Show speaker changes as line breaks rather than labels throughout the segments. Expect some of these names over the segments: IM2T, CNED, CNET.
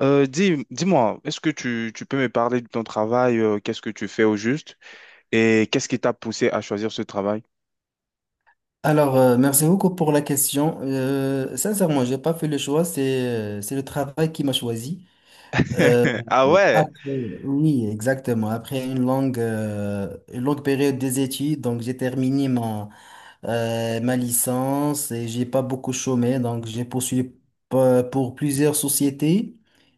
Dis-moi, est-ce que tu peux me parler de ton travail, qu'est-ce que tu fais au juste et qu'est-ce qui t'a poussé à choisir ce travail?
Alors, merci beaucoup pour la question. Sincèrement, j'ai pas fait le choix, c'est le travail qui m'a choisi.
Ah ouais,
Après, oui, exactement. Après une longue période des études, donc j'ai terminé ma licence et j'ai pas beaucoup chômé, donc j'ai poursuivi pour plusieurs sociétés.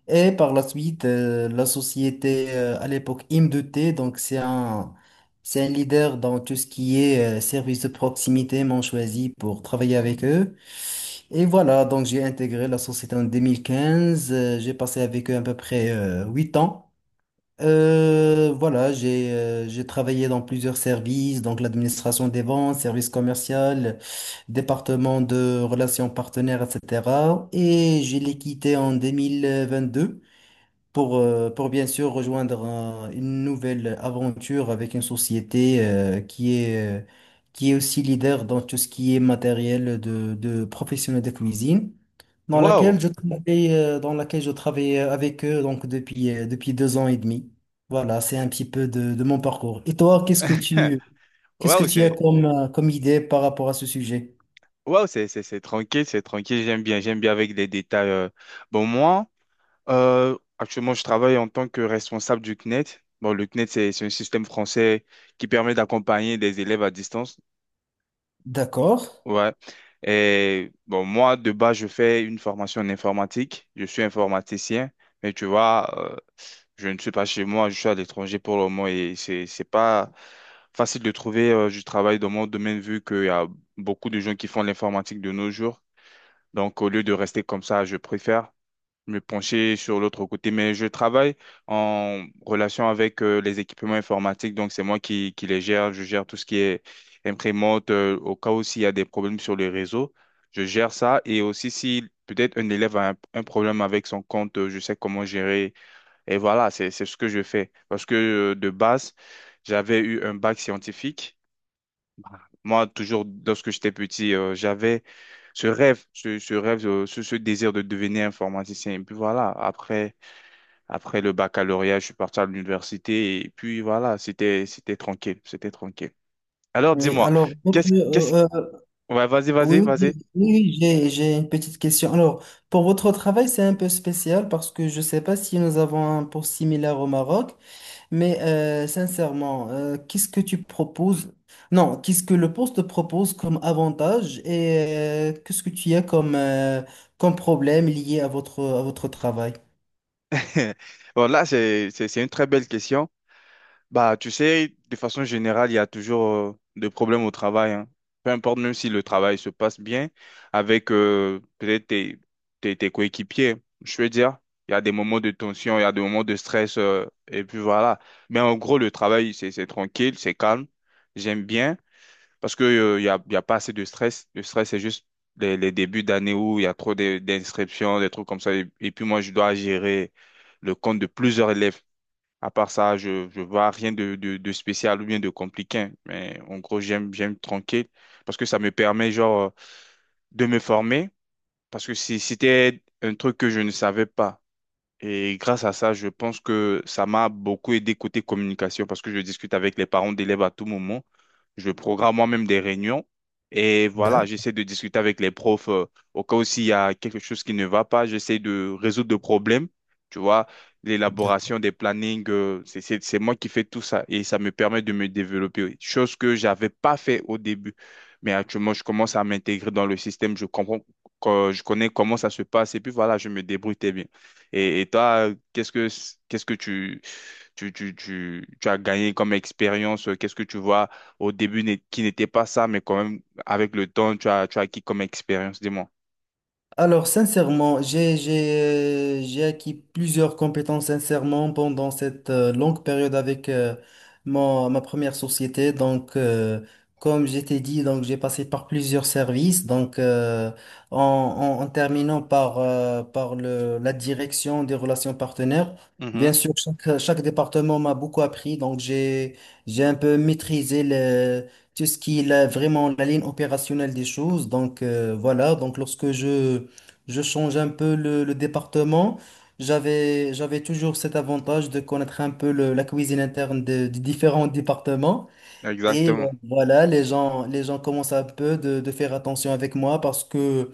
Et par la suite, la société à l'époque IM2T, donc c'est un leader dans tout ce qui est service de proximité, m'ont choisi pour travailler avec eux. Et voilà, donc j'ai intégré la société en 2015, j'ai passé avec eux à peu près 8 ans. Voilà, j'ai travaillé dans plusieurs services, donc l'administration des ventes, service commercial, département de relations partenaires, etc. Et je l'ai quitté en 2022 pour bien sûr rejoindre une nouvelle aventure avec une société qui est aussi leader dans tout ce qui est matériel de professionnels de cuisine dans
waouh,
laquelle je travaille avec eux donc depuis 2 ans et demi. Voilà, c'est un petit peu de mon parcours. Et toi, qu'est-ce que tu, qu'est-ce que
waouh,
tu as
c'est
comme, comme idée par rapport à ce sujet?
c'est tranquille, j'aime bien avec les détails. Bon, moi, actuellement, je travaille en tant que responsable du CNET. Bon, le CNET, c'est un système français qui permet d'accompagner des élèves à distance.
D'accord.
Ouais. Et bon, moi, de base, je fais une formation en informatique. Je suis informaticien, mais tu vois, je ne suis pas chez moi, je suis à l'étranger pour le moment et c'est pas facile de trouver du travail dans mon domaine vu qu'il y a beaucoup de gens qui font l'informatique de nos jours. Donc, au lieu de rester comme ça, je préfère me pencher sur l'autre côté, mais je travaille en relation avec les équipements informatiques, donc c'est moi qui les gère, je gère tout ce qui est imprimante, au cas où s'il y a des problèmes sur le réseau, je gère ça, et aussi si peut-être un élève a un problème avec son compte, je sais comment gérer, et voilà, c'est ce que je fais, parce que de base, j'avais eu un bac scientifique, moi, toujours, lorsque j'étais petit, j'avais ce rêve, ce rêve, ce désir de devenir informaticien. Et puis voilà, après, après le baccalauréat, je suis parti à l'université et puis voilà, c'était tranquille, c'était tranquille. Alors
Oui,
dis-moi,
alors, donc,
qu'est-ce qu'est-ce Ouais,
oui, oui, j'ai
vas-y.
oui, oui, j'ai- j'ai une petite question. Alors, pour votre travail, c'est un peu spécial parce que je ne sais pas si nous avons un poste similaire au Maroc. Mais sincèrement, qu'est-ce que tu proposes? Non, qu'est-ce que le poste propose comme avantage et qu'est-ce que tu as comme, comme problème lié à votre travail?
Bon, là, c'est une très belle question. Bah, tu sais, de façon générale, il y a toujours des problèmes au travail, hein. Peu importe, même si le travail se passe bien avec peut-être tes, tes coéquipiers. Je veux dire, il y a des moments de tension, il y a des moments de stress, et puis voilà. Mais en gros, le travail, c'est tranquille, c'est calme. J'aime bien parce que, il y a pas assez de stress. Le stress, c'est juste les débuts d'année où il y a d'inscriptions, des trucs comme ça. Et puis moi, je dois gérer le compte de plusieurs élèves. À part ça, je vois rien de, de spécial ou bien de compliqué. Mais en gros, j'aime tranquille parce que ça me permet genre de me former parce que si c'était un truc que je ne savais pas. Et grâce à ça, je pense que ça m'a beaucoup aidé côté communication parce que je discute avec les parents d'élèves à tout moment. Je programme moi-même des réunions et voilà,
D'ac-
j'essaie de discuter avec les profs au cas où s'il y a quelque chose qui ne va pas, j'essaie de résoudre le problème. Tu vois,
D'accord.
l'élaboration des plannings, c'est moi qui fais tout ça et ça me permet de me développer, oui. Chose que j'avais pas fait au début. Mais actuellement, je commence à m'intégrer dans le système, je comprends, je connais comment ça se passe et puis voilà, je me débrouille très bien. Et toi, qu'est-ce que tu as gagné comme expérience? Qu'est-ce que tu vois au début qui n'était pas ça, mais quand même, avec le temps, tu as acquis comme expérience, dis-moi.
Alors, sincèrement, j'ai acquis plusieurs compétences sincèrement pendant cette longue période avec ma première société. Donc, comme je t'ai dit, donc j'ai passé par plusieurs services. Donc, en, en terminant par la direction des relations partenaires.
Mhm,
Bien sûr, chaque département m'a beaucoup appris. Donc, j'ai un peu maîtrisé tout ce qui est vraiment la ligne opérationnelle des choses. Donc, voilà. Donc, lorsque je change un peu le département. J'avais toujours cet avantage de connaître un peu la cuisine interne des différents départements. Et
exactement.
voilà, les gens commencent un peu de faire attention avec moi parce que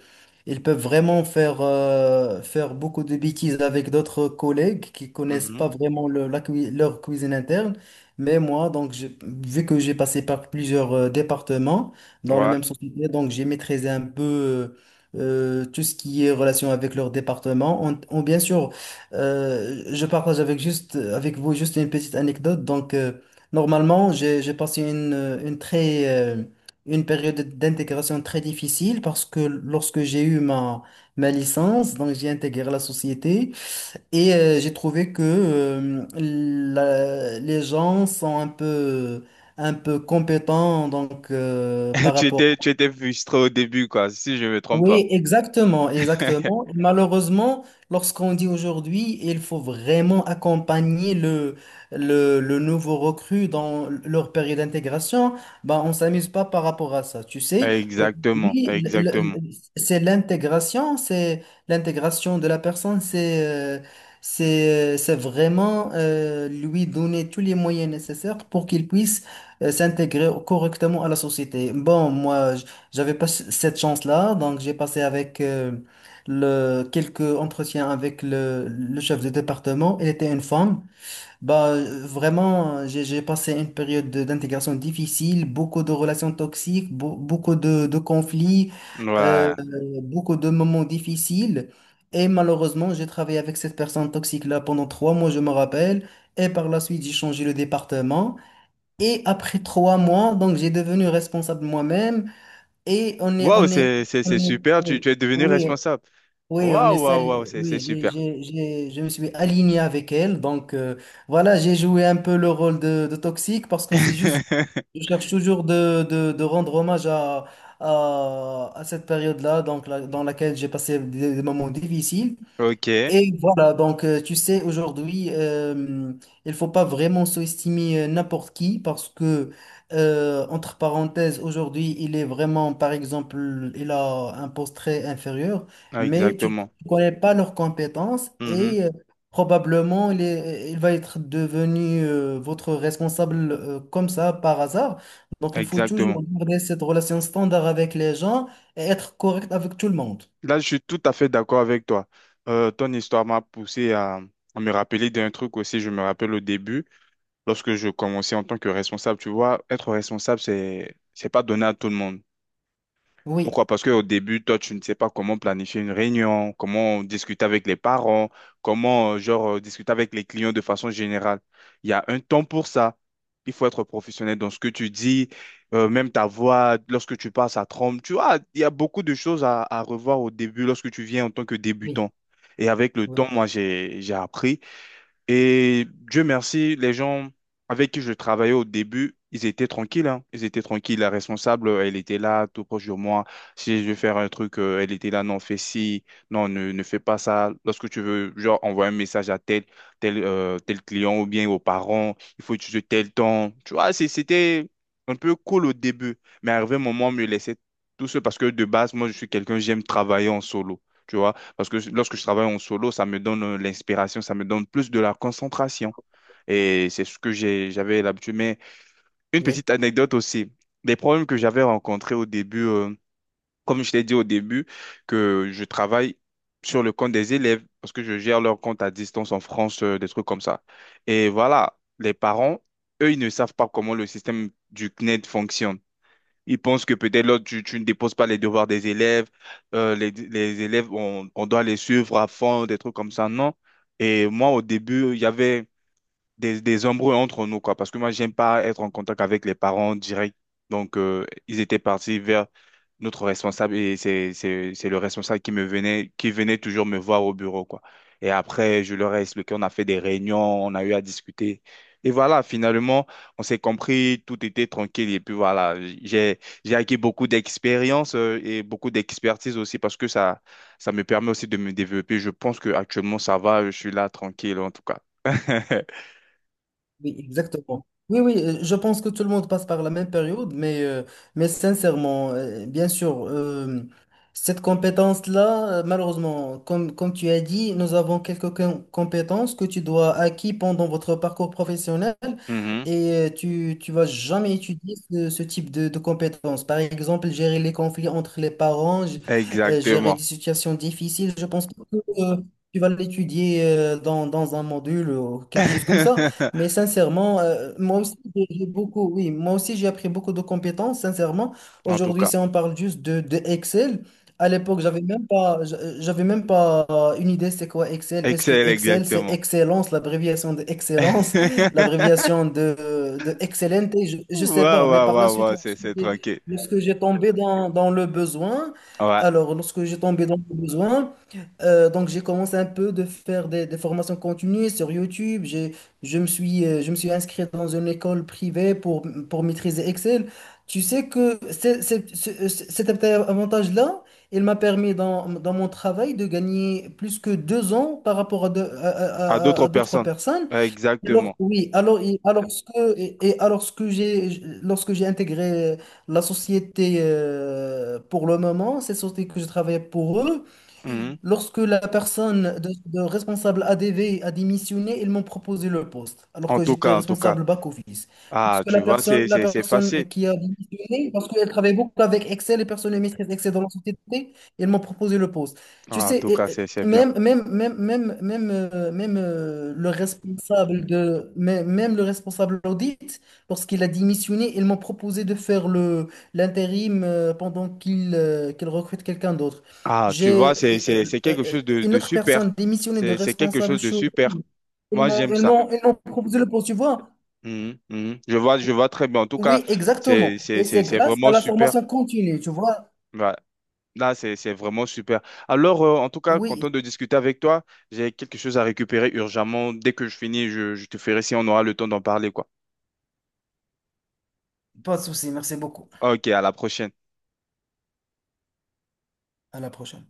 ils peuvent vraiment faire beaucoup de bêtises avec d'autres collègues qui connaissent
Mhm,
pas vraiment leur cuisine interne. Mais moi, donc, vu que j'ai passé par plusieurs départements dans la
ouais.
même société, donc j'ai maîtrisé un peu tout ce qui est relation avec leur département. Bien sûr, je partage avec juste avec vous juste une petite anecdote. Donc normalement, j'ai passé une période d'intégration très difficile parce que lorsque j'ai eu ma licence, donc j'ai intégré la société et j'ai trouvé que les gens sont un peu compétents donc, par rapport
Tu étais frustré au début, quoi, si je ne me trompe pas.
oui, exactement, exactement. Malheureusement, lorsqu'on dit aujourd'hui, il faut vraiment accompagner le nouveau recrue dans leur période d'intégration, bah, on s'amuse pas par rapport à ça. Tu sais,
Exactement,
aujourd'hui,
exactement.
c'est l'intégration de la personne, c'est vraiment lui donner tous les moyens nécessaires pour qu'il puisse s'intégrer correctement à la société. Bon, moi, j'avais pas cette chance-là, donc j'ai passé avec quelques entretiens avec le chef de département. Elle était une femme. Bah, vraiment, j'ai passé une période d'intégration difficile, beaucoup de relations toxiques, beaucoup de conflits, euh,
Ouais.
beaucoup de moments difficiles. Et malheureusement, j'ai travaillé avec cette personne toxique-là pendant 3 mois, je me rappelle. Et par la suite, j'ai changé le département. Et après 3 mois, donc j'ai devenu responsable moi-même. Et
Waouh, c'est super, tu,
oui,
tu es devenu
oui,
responsable.
oui,
Waouh, waouh, waouh, c'est
oui,
super.
je me suis aligné avec elle. Donc, voilà, j'ai joué un peu le rôle de toxique parce que c'est juste, je cherche toujours de rendre hommage à cette période-là, donc, dans laquelle j'ai passé des moments difficiles.
Ok,
Et voilà, donc tu sais, aujourd'hui, il faut pas vraiment sous-estimer n'importe qui parce que, entre parenthèses, aujourd'hui, il est vraiment, par exemple, il a un poste très inférieur, mais tu
exactement.
ne connais pas leurs compétences
Mhm.
et probablement il va être devenu votre responsable comme ça par hasard. Donc, il faut
Exactement.
toujours garder cette relation standard avec les gens et être correct avec tout le monde.
Là, je suis tout à fait d'accord avec toi. Ton histoire m'a poussé à me rappeler d'un truc aussi. Je me rappelle au début, lorsque je commençais en tant que responsable, tu vois, être responsable, c'est pas donné à tout le monde.
Oui,
Pourquoi? Parce qu'au début, toi, tu ne sais pas comment planifier une réunion, comment discuter avec les parents, comment, discuter avec les clients de façon générale. Il y a un temps pour ça. Il faut être professionnel dans ce que tu dis, même ta voix, lorsque tu passes à tremble. Tu vois, il y a beaucoup de choses à revoir au début lorsque tu viens en tant que
oui,
débutant. Et avec le
oui,
temps, moi, j'ai appris. Et Dieu merci, les gens avec qui je travaillais au début, ils étaient tranquilles, hein. Ils étaient tranquilles. La responsable, elle était là, tout proche de moi. Si je veux faire un truc, elle était là, non, fais ci, non, ne fais pas ça. Lorsque tu veux, genre, envoyer un message à tel, tel client ou bien aux parents, il faut utiliser tel temps. Tu vois, c'était un peu cool au début. Mais arrivé un moment, on me laissait tout seul parce que de base, moi, je suis quelqu'un, j'aime travailler en solo. Tu vois, parce que lorsque je travaille en solo, ça me donne l'inspiration, ça me donne plus de la concentration. Et c'est ce que j'avais l'habitude. Mais une
oui.
petite anecdote aussi. Des problèmes que j'avais rencontrés au début, comme je t'ai dit au début, que je travaille sur le compte des élèves parce que je gère leur compte à distance en France, des trucs comme ça. Et voilà, les parents, eux, ils ne savent pas comment le système du CNED fonctionne. Ils pensent que peut-être là, tu ne déposes pas les devoirs des élèves, les élèves, on doit les suivre à fond, des trucs comme ça, non? Et moi, au début, il y avait, des embrouilles entre nous, quoi. Parce que moi, j'aime pas être en contact avec les parents direct. Donc, ils étaient partis vers notre responsable et c'est le responsable qui me venait, qui venait toujours me voir au bureau, quoi. Et après, je leur ai expliqué, on a fait des réunions, on a eu à discuter. Et voilà, finalement, on s'est compris, tout était tranquille. Et puis voilà, j'ai acquis beaucoup d'expérience et beaucoup d'expertise aussi parce que ça me permet aussi de me développer. Je pense que actuellement ça va, je suis là tranquille en tout cas.
Oui, exactement. Oui, oui, je pense que tout le monde passe par la même période, mais sincèrement, bien sûr, cette compétence-là, malheureusement, comme tu as dit, nous avons quelques compétences que tu dois acquis pendant votre parcours professionnel
Mhm.
et tu vas jamais étudier ce type de compétences. Par exemple, gérer les conflits entre les parents, gérer des
Exactement.
situations difficiles, je pense que euh, tu vas l'étudier dans un module ou quelque chose comme ça. Mais sincèrement, moi aussi, j'ai beaucoup, oui, moi aussi, j'ai appris beaucoup de compétences, sincèrement.
En tout
Aujourd'hui,
cas,
si on parle juste de Excel, à l'époque, j'avais même pas une idée c'est quoi Excel. Est-ce que
excel,
Excel, c'est
exactement.
excellence, l'abréviation de excellence, l'abréviation de excellente, je sais pas.
Waouh,
Mais
waouh,
par la
waouh,
suite,
waouh, c'est
lorsque
c'est
j'ai
tranquille.
lorsque j'ai tombé dans le besoin,
Ouais,
alors, lorsque j'ai tombé dans le besoin, donc, j'ai commencé un peu de faire des formations continues sur YouTube. J'ai je me suis inscrit dans une école privée pour maîtriser Excel. Tu sais que cet avantage-là, il m'a permis dans mon travail de gagner plus que 2 ans par rapport à, de-
à d'autres
à d'autres
personnes.
personnes.
Ouais,
Alors,
exactement.
oui, alors, alors ce que, et alors ce que j'ai, lorsque j'ai intégré la société pour le moment, cette société que je travaillais pour eux,
Mhm.
lorsque la personne de responsable ADV a démissionné, ils m'ont proposé le poste, alors
En
que
tout
j'étais
cas, en tout cas.
responsable back-office.
Ah,
Lorsque la
tu vois,
personne, la
c'est
personne
facile.
qui a démissionné, parce qu'elle travaille beaucoup avec Excel, les personnes qui maîtrisent Excel dans la société, ils m'ont proposé le poste. Tu
Ah, en
sais,
tout cas, c'est bien.
le responsable de, même, même le responsable audit, lorsqu'il a démissionné, ils m'ont proposé de faire le l'intérim pendant qu'il recrute quelqu'un d'autre.
Ah, tu vois,
J'ai
c'est quelque chose
une
de
autre
super.
personne démissionnée de
C'est quelque
responsable
chose de
chose.
super.
Ils
Moi,
m'ont,
j'aime
ils
ça.
m'ont, ils m'ont proposé le poste, tu vois.
Mhm, mhm. Je vois très bien. En tout cas,
Oui, exactement. Et c'est
c'est
grâce à
vraiment
la
super.
formation continue, tu vois.
Ouais. Là, c'est vraiment super. Alors, en tout cas,
Oui,
content de discuter avec toi. J'ai quelque chose à récupérer urgemment. Dès que je finis, je te ferai si on aura le temps d'en parler, quoi.
pas de souci. Merci beaucoup.
Ok, à la prochaine.
À la prochaine.